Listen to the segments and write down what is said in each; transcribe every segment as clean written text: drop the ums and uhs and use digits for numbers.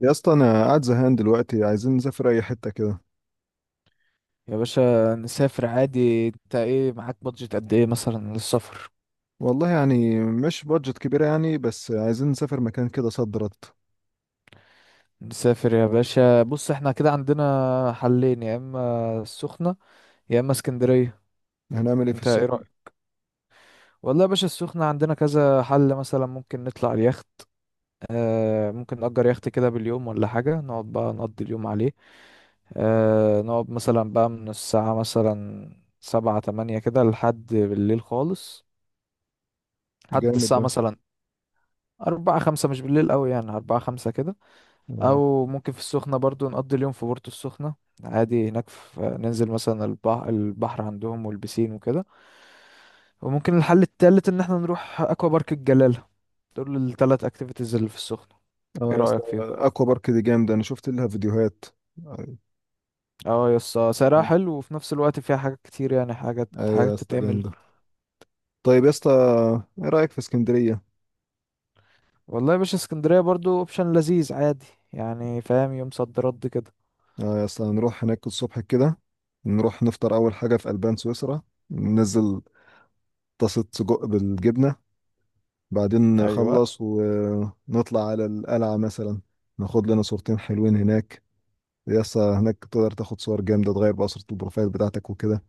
يا اسطى انا قاعد زهقان دلوقتي، عايزين نسافر اي حته كده. يا باشا، نسافر عادي. انت ايه معاك بادجت قد ايه مثلا للسفر؟ والله يعني مش بادجت كبيره يعني، بس عايزين نسافر مكان كده صد رد. نسافر يا باشا. بص، احنا كده عندنا حلين، يا اما السخنة يا اما اسكندرية. هنعمل ايه في انت ايه السفر؟ رأيك؟ والله يا باشا، السخنة عندنا كذا حل. مثلا ممكن نطلع اليخت. ممكن نأجر يخت كده باليوم ولا حاجة، نقعد بقى نقضي اليوم عليه. نقعد مثلا بقى من الساعة مثلا 7 8 كده، لحد بالليل خالص. لحد جامد الساعة ده. مثلا 4 5، مش بالليل أوي يعني، 4 5 كده. اه. او ممكن في السخنة برضو نقضي اليوم في بورتو السخنة. عادي هناك، في ننزل مثلا البحر، البحر عندهم والبسين وكده. وممكن الحل التالت ان احنا نروح اكوا بارك الجلالة. دول التلات اكتيفيتيز اللي في السخنة. ايه اه يا اسطى رأيك فيهم؟ اكوا بارك دي جامده، انا شفت لها فيديوهات. ايوه. اه، يس، سعرها حلو وفي نفس الوقت فيها حاجات كتير، يعني حاجات أيوة يا حاجات اسطى تتعمل. جامده. طيب يا اسطى، ايه رايك في اسكندريه؟ والله يا باشا، اسكندرية برضو اوبشن لذيذ عادي. يعني فاهم، يوم صد رد كده. اه يا اسطى، نروح هناك الصبح كده. نروح نفطر اول حاجه في البان سويسرا، ننزل طاسه سجق بالجبنه. بعدين ايوه. نخلص ونطلع على القلعة مثلا، ناخد لنا صورتين حلوين هناك. يا اسطى هناك تقدر تاخد صور جامدة، تغير بقى صورة البروفايل بتاعتك وكده.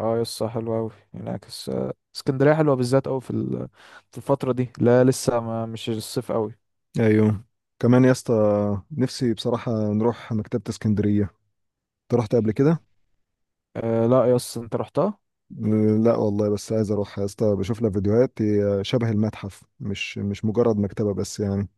اه، يسا، حلو أوي ينعكس. اسكندرية حلوة بالذات أوي في الفترة دي، لا لسه ما مش الصيف أوي. ايوه. كمان يا اسطى، نفسي بصراحة نروح مكتبة اسكندرية. انت رحت قبل كده؟ آه، لا يسا، انت رحتها؟ لا والله، بس عايز اروح يا اسطى. بشوف لها فيديوهات، هي شبه المتحف، مش مجرد مكتبة بس يعني.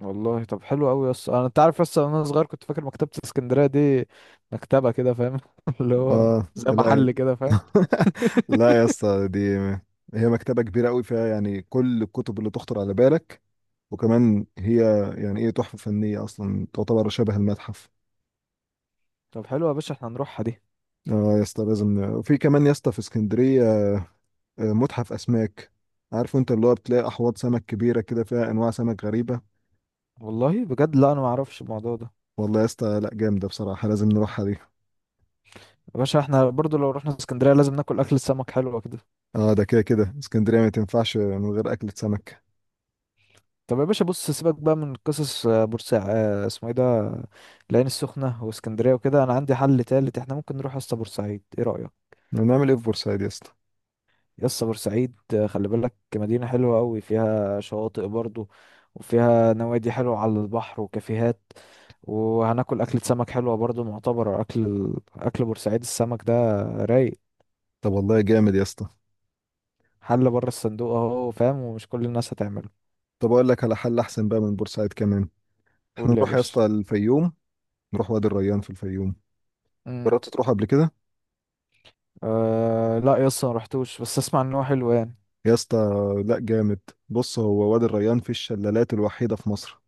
والله طب حلو أوي يسا. انت عارف يسا، وانا صغير كنت فاكر مكتبة اسكندرية دي مكتبة كده فاهم اللي هو اه زي لا. محل كده فاهم. لا يا اسطى، دي هي مكتبة كبيرة قوي، فيها يعني كل الكتب اللي تخطر على بالك. وكمان هي يعني ايه، تحفة فنية، اصلا تعتبر شبه المتحف. طب حلو يا باشا، احنا هنروحها دي. اه يا اسطى، لازم في كمان يا اسطى في اسكندرية متحف اسماك. عارف انت، اللي هو بتلاقي احواض سمك كبيرة كده، فيها انواع سمك غريبة. والله بجد، لا انا ما اعرفش الموضوع ده. والله يا اسطى، لا جامدة بصراحة، لازم نروحها دي. يا باشا، احنا برضو لو رحنا اسكندرية لازم ناكل أكل السمك، حلوة كده. اه، ده كده كده اسكندرية ما تنفعش من غير اكلة سمك. طب يا باشا، بص، سيبك بقى من قصص بورسعيد اسمه ايه ده. العين السخنة واسكندرية وكده، انا عندي حل تالت، احنا ممكن نروح يا اسطى بورسعيد. ايه رأيك؟ هنعمل ايه في بورسعيد يا اسطى؟ يا اسطى، بورسعيد، خلي بالك مدينة حلوة قوي، فيها شواطئ برضو. وفيها نوادي حلوة على البحر وكافيهات. وهناكل أكلة سمك حلوة برضو، معتبرة أكل بورسعيد السمك ده. رايق. طب والله جامد يا اسطى. حل بره الصندوق اهو فاهم، ومش كل الناس هتعمله. طب اقول لك على حل احسن بقى من بورسعيد كمان، احنا قول لي يا نروح يا باشا. اسطى الفيوم. نروح وادي الريان في الفيوم. امم. جربت تروح قبل كده؟ آه لا يا اسطى، ما رحتوش، بس اسمع ان هو حلو يعني. يا اسطى لا، جامد. بص، هو وادي الريان في الشلالات الوحيدة في مصر.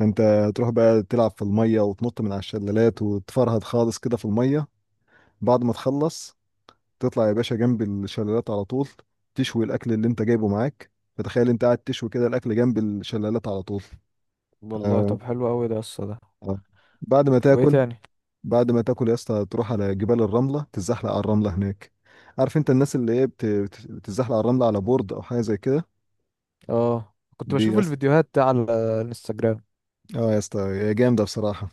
انت تروح بقى تلعب في المية، وتنط من على الشلالات، وتفرهد خالص كده في المية. بعد ما تخلص تطلع يا باشا جنب الشلالات على طول، تشوي الأكل اللي انت جايبه معاك. فتخيل انت قاعد تشوي كده الأكل جنب الشلالات على طول. والله آه. طب حلو قوي ده الصلاة ده. آه. بعد ما وايه تاكل، تاني؟ بعد ما تاكل يا اسطى تروح على جبال الرملة، تتزحلق على الرملة هناك. عارف انت الناس اللي هي بتتزحلق على الرملة على بورد أو حاجة زي كده. اه، كنت دي بشوف الفيديوهات دي على الانستجرام. اه يا اسطى هي جامدة بصراحة.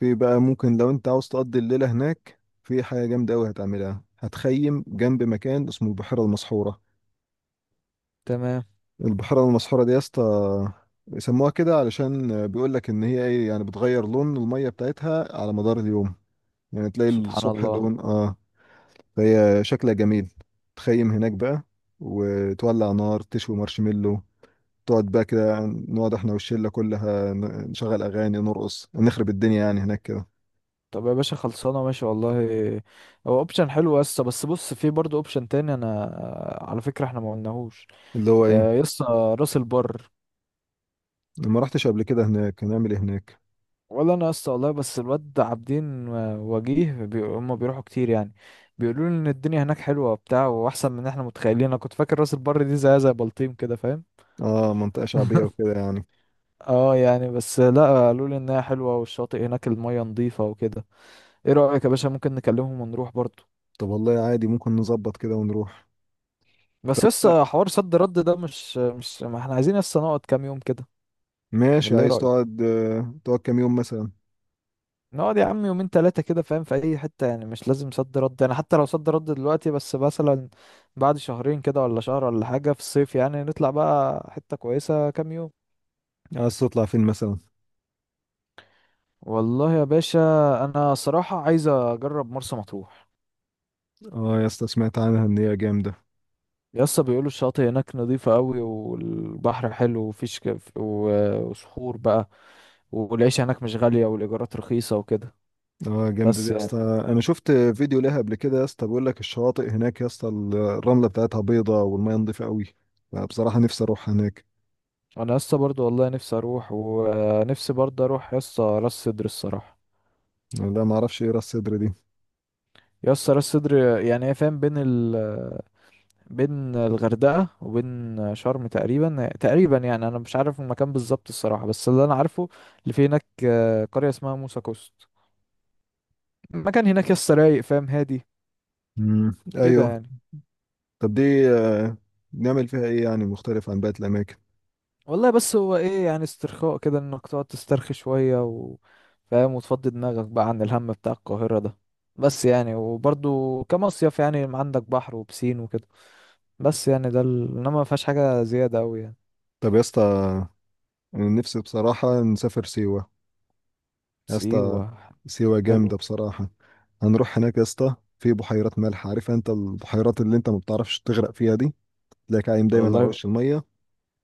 في بقى ممكن لو انت عاوز تقضي الليلة هناك، في حاجة جامدة أوي هتعملها، هتخيم جنب مكان اسمه البحيرة المسحورة. تمام. البحيرة المسحورة دي يا اسطى، بيسموها كده علشان بيقول لك ان هي ايه يعني، بتغير لون المية بتاعتها على مدار اليوم. يعني تلاقي سبحان الصبح الله. لون اه، فهي شكلها جميل. تخيم هناك بقى، وتولع نار، تشوي مارشميلو. تقعد بقى كده، نقعد احنا والشلة كلها نشغل اغاني، نرقص، نخرب الدنيا يعني هناك كده. طب يا باشا، خلصانه ماشي والله. هو اوبشن حلو يسطا، بس بص، في برضه اوبشن تاني، انا على فكره احنا ما قلناهوش. اللي هو ايه؟ يسطا راس البر. ما رحتش قبل كده هناك، هنعمل ايه هناك؟ ولا انا يسطا والله، بس الواد عابدين وجيه هم بيروحوا كتير يعني. بيقولوا لي ان الدنيا هناك حلوه وبتاع، واحسن من احنا متخيلين. انا كنت فاكر راس البر دي زي بلطيم كده فاهم. اه منطقة شعبية وكده يعني. اه يعني، بس لا، قالوا لي انها حلوه والشاطئ هناك الميه نظيفه وكده. ايه رايك يا باشا؟ ممكن نكلمهم ونروح برضو. طب والله عادي، ممكن نظبط كده ونروح. بس لا، لسه حوار صد رد ده مش ما احنا عايزين، لسه نقعد كام يوم كده. ماشي. ولا ايه عايز رايك؟ تقعد تقعد كام يوم مثلا؟ نقعد يا عم يومين 3 كده فاهم، في اي حته يعني، مش لازم صد رد يعني. حتى لو صد رد دلوقتي، بس مثلا بعد شهرين كده ولا شهر ولا حاجه في الصيف، يعني نطلع بقى حته كويسه كام يوم. عايز تطلع فين مثلا؟ والله يا باشا، انا صراحه عايز اجرب مرسى مطروح. اه يا اسطى، سمعت عنها ان هي جامدة. يسا بيقولوا الشاطئ هناك نظيفة قوي، والبحر حلو، وفيش كف وصخور بقى. والعيشة هناك مش غالية والإيجارات رخيصة وكده. اه جامدة دي بس يا اسطى، يعني. انا شفت فيديو ليها قبل كده يا اسطى. بيقول لك الشواطئ هناك يا اسطى الرملة بتاعتها بيضة، والمية نضيفة قوي. فبصراحة نفسي اروح هناك. أنا يسا برضو والله نفسي أروح، ونفسي برضو أروح يسا راس سدر الصراحة. لا ما اعرفش ايه راس صدر دي. يسا، راس سدر. يعني هي فاهم بين الغردقة وبين شرم تقريبا تقريبا يعني، أنا مش عارف المكان بالظبط الصراحة، بس اللي أنا عارفه اللي في هناك قرية اسمها موسى كوست. المكان هناك يسا رايق فاهم، هادي امم، كده ايوه. يعني. طب دي نعمل فيها ايه يعني مختلف عن باقي الاماكن؟ والله بس هو ايه، يعني استرخاء كده، انك تقعد تسترخي شوية فاهم، وتفضي دماغك بقى عن الهم بتاع القاهرة ده. بس يعني، وبرضو كمصيف يعني عندك بحر وبسين وكده. بس يعني ده انما ما فيهاش حاجة زيادة اوي يعني. طب يا اسطى، انا نفسي بصراحة نسافر سيوة. يا اسطى سيوة؟ سيوة حلو. جامدة بصراحة. هنروح هناك يا اسطى، في بحيرات ملح. عارف انت البحيرات اللي انت ما بتعرفش تغرق فيها دي، تلاقيك عايم دايما على والله. وش المية.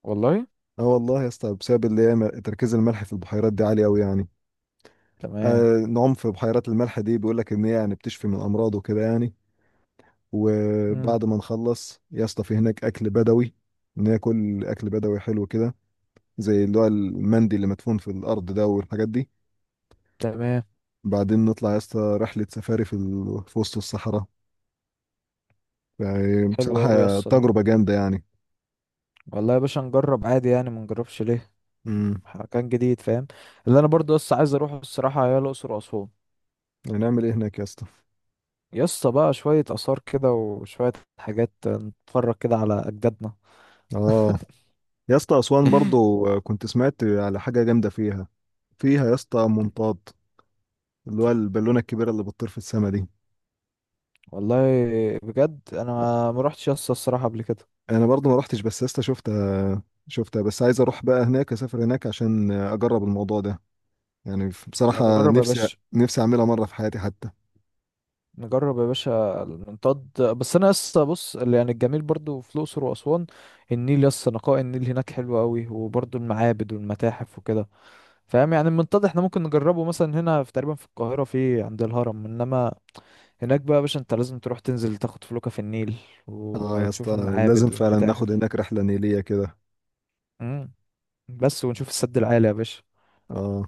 والله. اه والله يا اسطى، بسبب اللي هي تركيز الملح في البحيرات دي عالي قوي يعني. تمام. آه، نعوم في بحيرات الملح دي، بيقول لك ان هي يعني بتشفي من الامراض وكده يعني. امم. وبعد ما نخلص يا اسطى في هناك اكل بدوي، ناكل اكل بدوي حلو كده، زي اللي هو المندي اللي مدفون في الارض ده والحاجات دي. تمام. بعدين نطلع يا اسطى رحلة سفاري في, في وسط الصحراء. يعني حلو اوي يا بصراحة اسطى ده. تجربة جامدة يعني. والله يا باشا، نجرب عادي يعني، ما نجربش ليه. امم. مكان جديد فاهم. اللي انا برضو بس عايز اروحه الصراحة هي الاقصر واسوان. هنعمل ايه هناك يا اسطى؟ يسطا، بقى شوية آثار كده وشوية حاجات نتفرج كده على أجدادنا. اه يا اسطى أسوان برضو كنت سمعت على حاجة جامدة فيها. فيها يا اسطى منطاد، اللي هو البالونة الكبيرة اللي بتطير في السما دي. والله بجد أنا ما روحتش يسطا الصراحة قبل كده. انا برضو ما رحتش، بس يا اسطى شفتها. شفتها، بس عايز اروح بقى هناك، اسافر هناك عشان اجرب الموضوع ده. يعني بصراحة نجرب يا نفسي، باشا. نفسي اعملها مرة في حياتي حتى. نجرب يا باشا المنطاد، بس أنا يسطا بص، اللي يعني الجميل برضو في الأقصر وأسوان، النيل يسطا، نقاء النيل هناك حلو أوي، وبرضو المعابد والمتاحف وكده. فاهم يعني، المنطاد احنا ممكن نجربه مثلا هنا في تقريبا في القاهرة عند الهرم، إنما هناك بقى يا باشا، أنت لازم تروح تنزل تاخد فلوكة في النيل، اه يا وتشوف اسطى، لازم المعابد فعلا ناخد والمتاحف. هناك رحلة نيلية كده. مم. بس ونشوف السد العالي يا باشا. اه.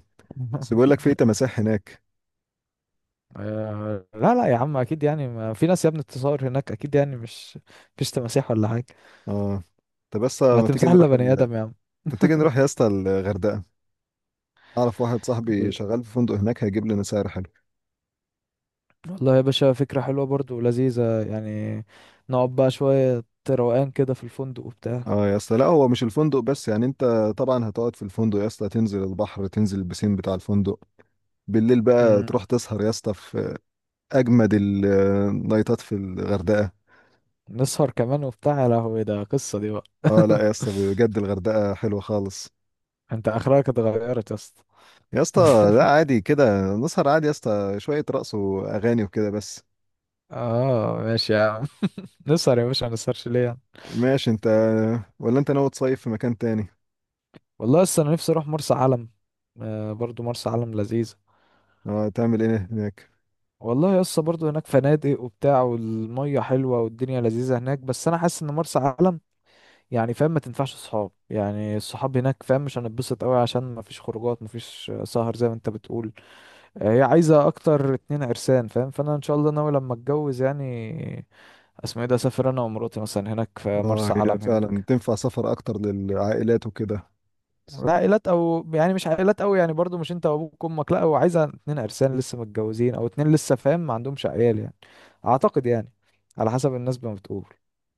بس بيقول لك في تماسيح هناك. آه، لا لا يا عم، اكيد يعني ما في ناس يا ابني بتتصور هناك، اكيد يعني مش مفيش تماسيح ولا حاجه. اه. طب بس ما ما تيجي تمسح الا نروح بني ادم يا عم. ما تيجي نروح يا اسطى الغردقه؟ اعرف واحد صاحبي إيه. شغال في فندق هناك، هيجيب لنا سعر حلو. والله يا باشا، فكره حلوه برضو ولذيذه. يعني نقعد بقى شويه روقان كده في الفندق وبتاع. اه يا اسطى، لا هو مش الفندق بس يعني. انت طبعا هتقعد في الفندق يا اسطى، تنزل البحر، تنزل البسين بتاع الفندق. بالليل بقى مم. تروح تسهر يا اسطى في اجمد النايتات في الغردقه. نسهر كمان وبتاع؟ يا لهوي، ده قصه دي بقى! اه لا يا اسطى، بجد الغردقه حلوه خالص. انت اخرك اتغيرت يا اسطى. يا اسطى لا، عادي كده نسهر عادي يا اسطى، شويه رقص واغاني وكده بس. اه ماشي يا عم، نسهر يا باشا، ما نسهرش ليه. ماشي. انت ولا انت ناوي تصيف في مكان تاني؟ والله لسه انا نفسي اروح مرسى علم. آه، برضو مرسى علم لذيذة. اه تعمل ايه هناك؟ والله لسه برضو هناك فنادق وبتاع، والمية حلوة والدنيا لذيذة هناك، بس انا حاسس ان مرسى علم يعني فاهم ما تنفعش صحاب يعني، الصحاب هناك فاهم مش هنتبسط قوي، عشان ما فيش خروجات، ما فيش سهر زي ما انت بتقول. هي عايزة اكتر 2 عرسان فاهم، فانا ان شاء الله ناوي لما اتجوز يعني. اسمه ايه ده، اسافر انا ومراتي مثلا هناك في اه مرسى هي علم فعلا هناك. تنفع سفر اكتر للعائلات وكده. لا، عائلات او يعني مش عائلات قوي يعني، برضو مش انت وابوك وامك، لا هو عايزه اتنين عرسان لسه متجوزين، او 2 لسه فاهم ما عندهمش عيال يعني. اعتقد يعني، على حسب الناس ما بتقول.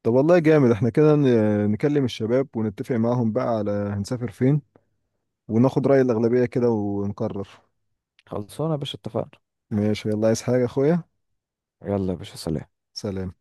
طب والله جامد، احنا كده نكلم الشباب ونتفق معاهم بقى على هنسافر فين، وناخد رأي الأغلبية كده ونقرر. خلصونا يا باشا، اتفقنا. ماشي. يلا عايز حاجة يا اخويا؟ يلا يا باشا، سلام. سلام.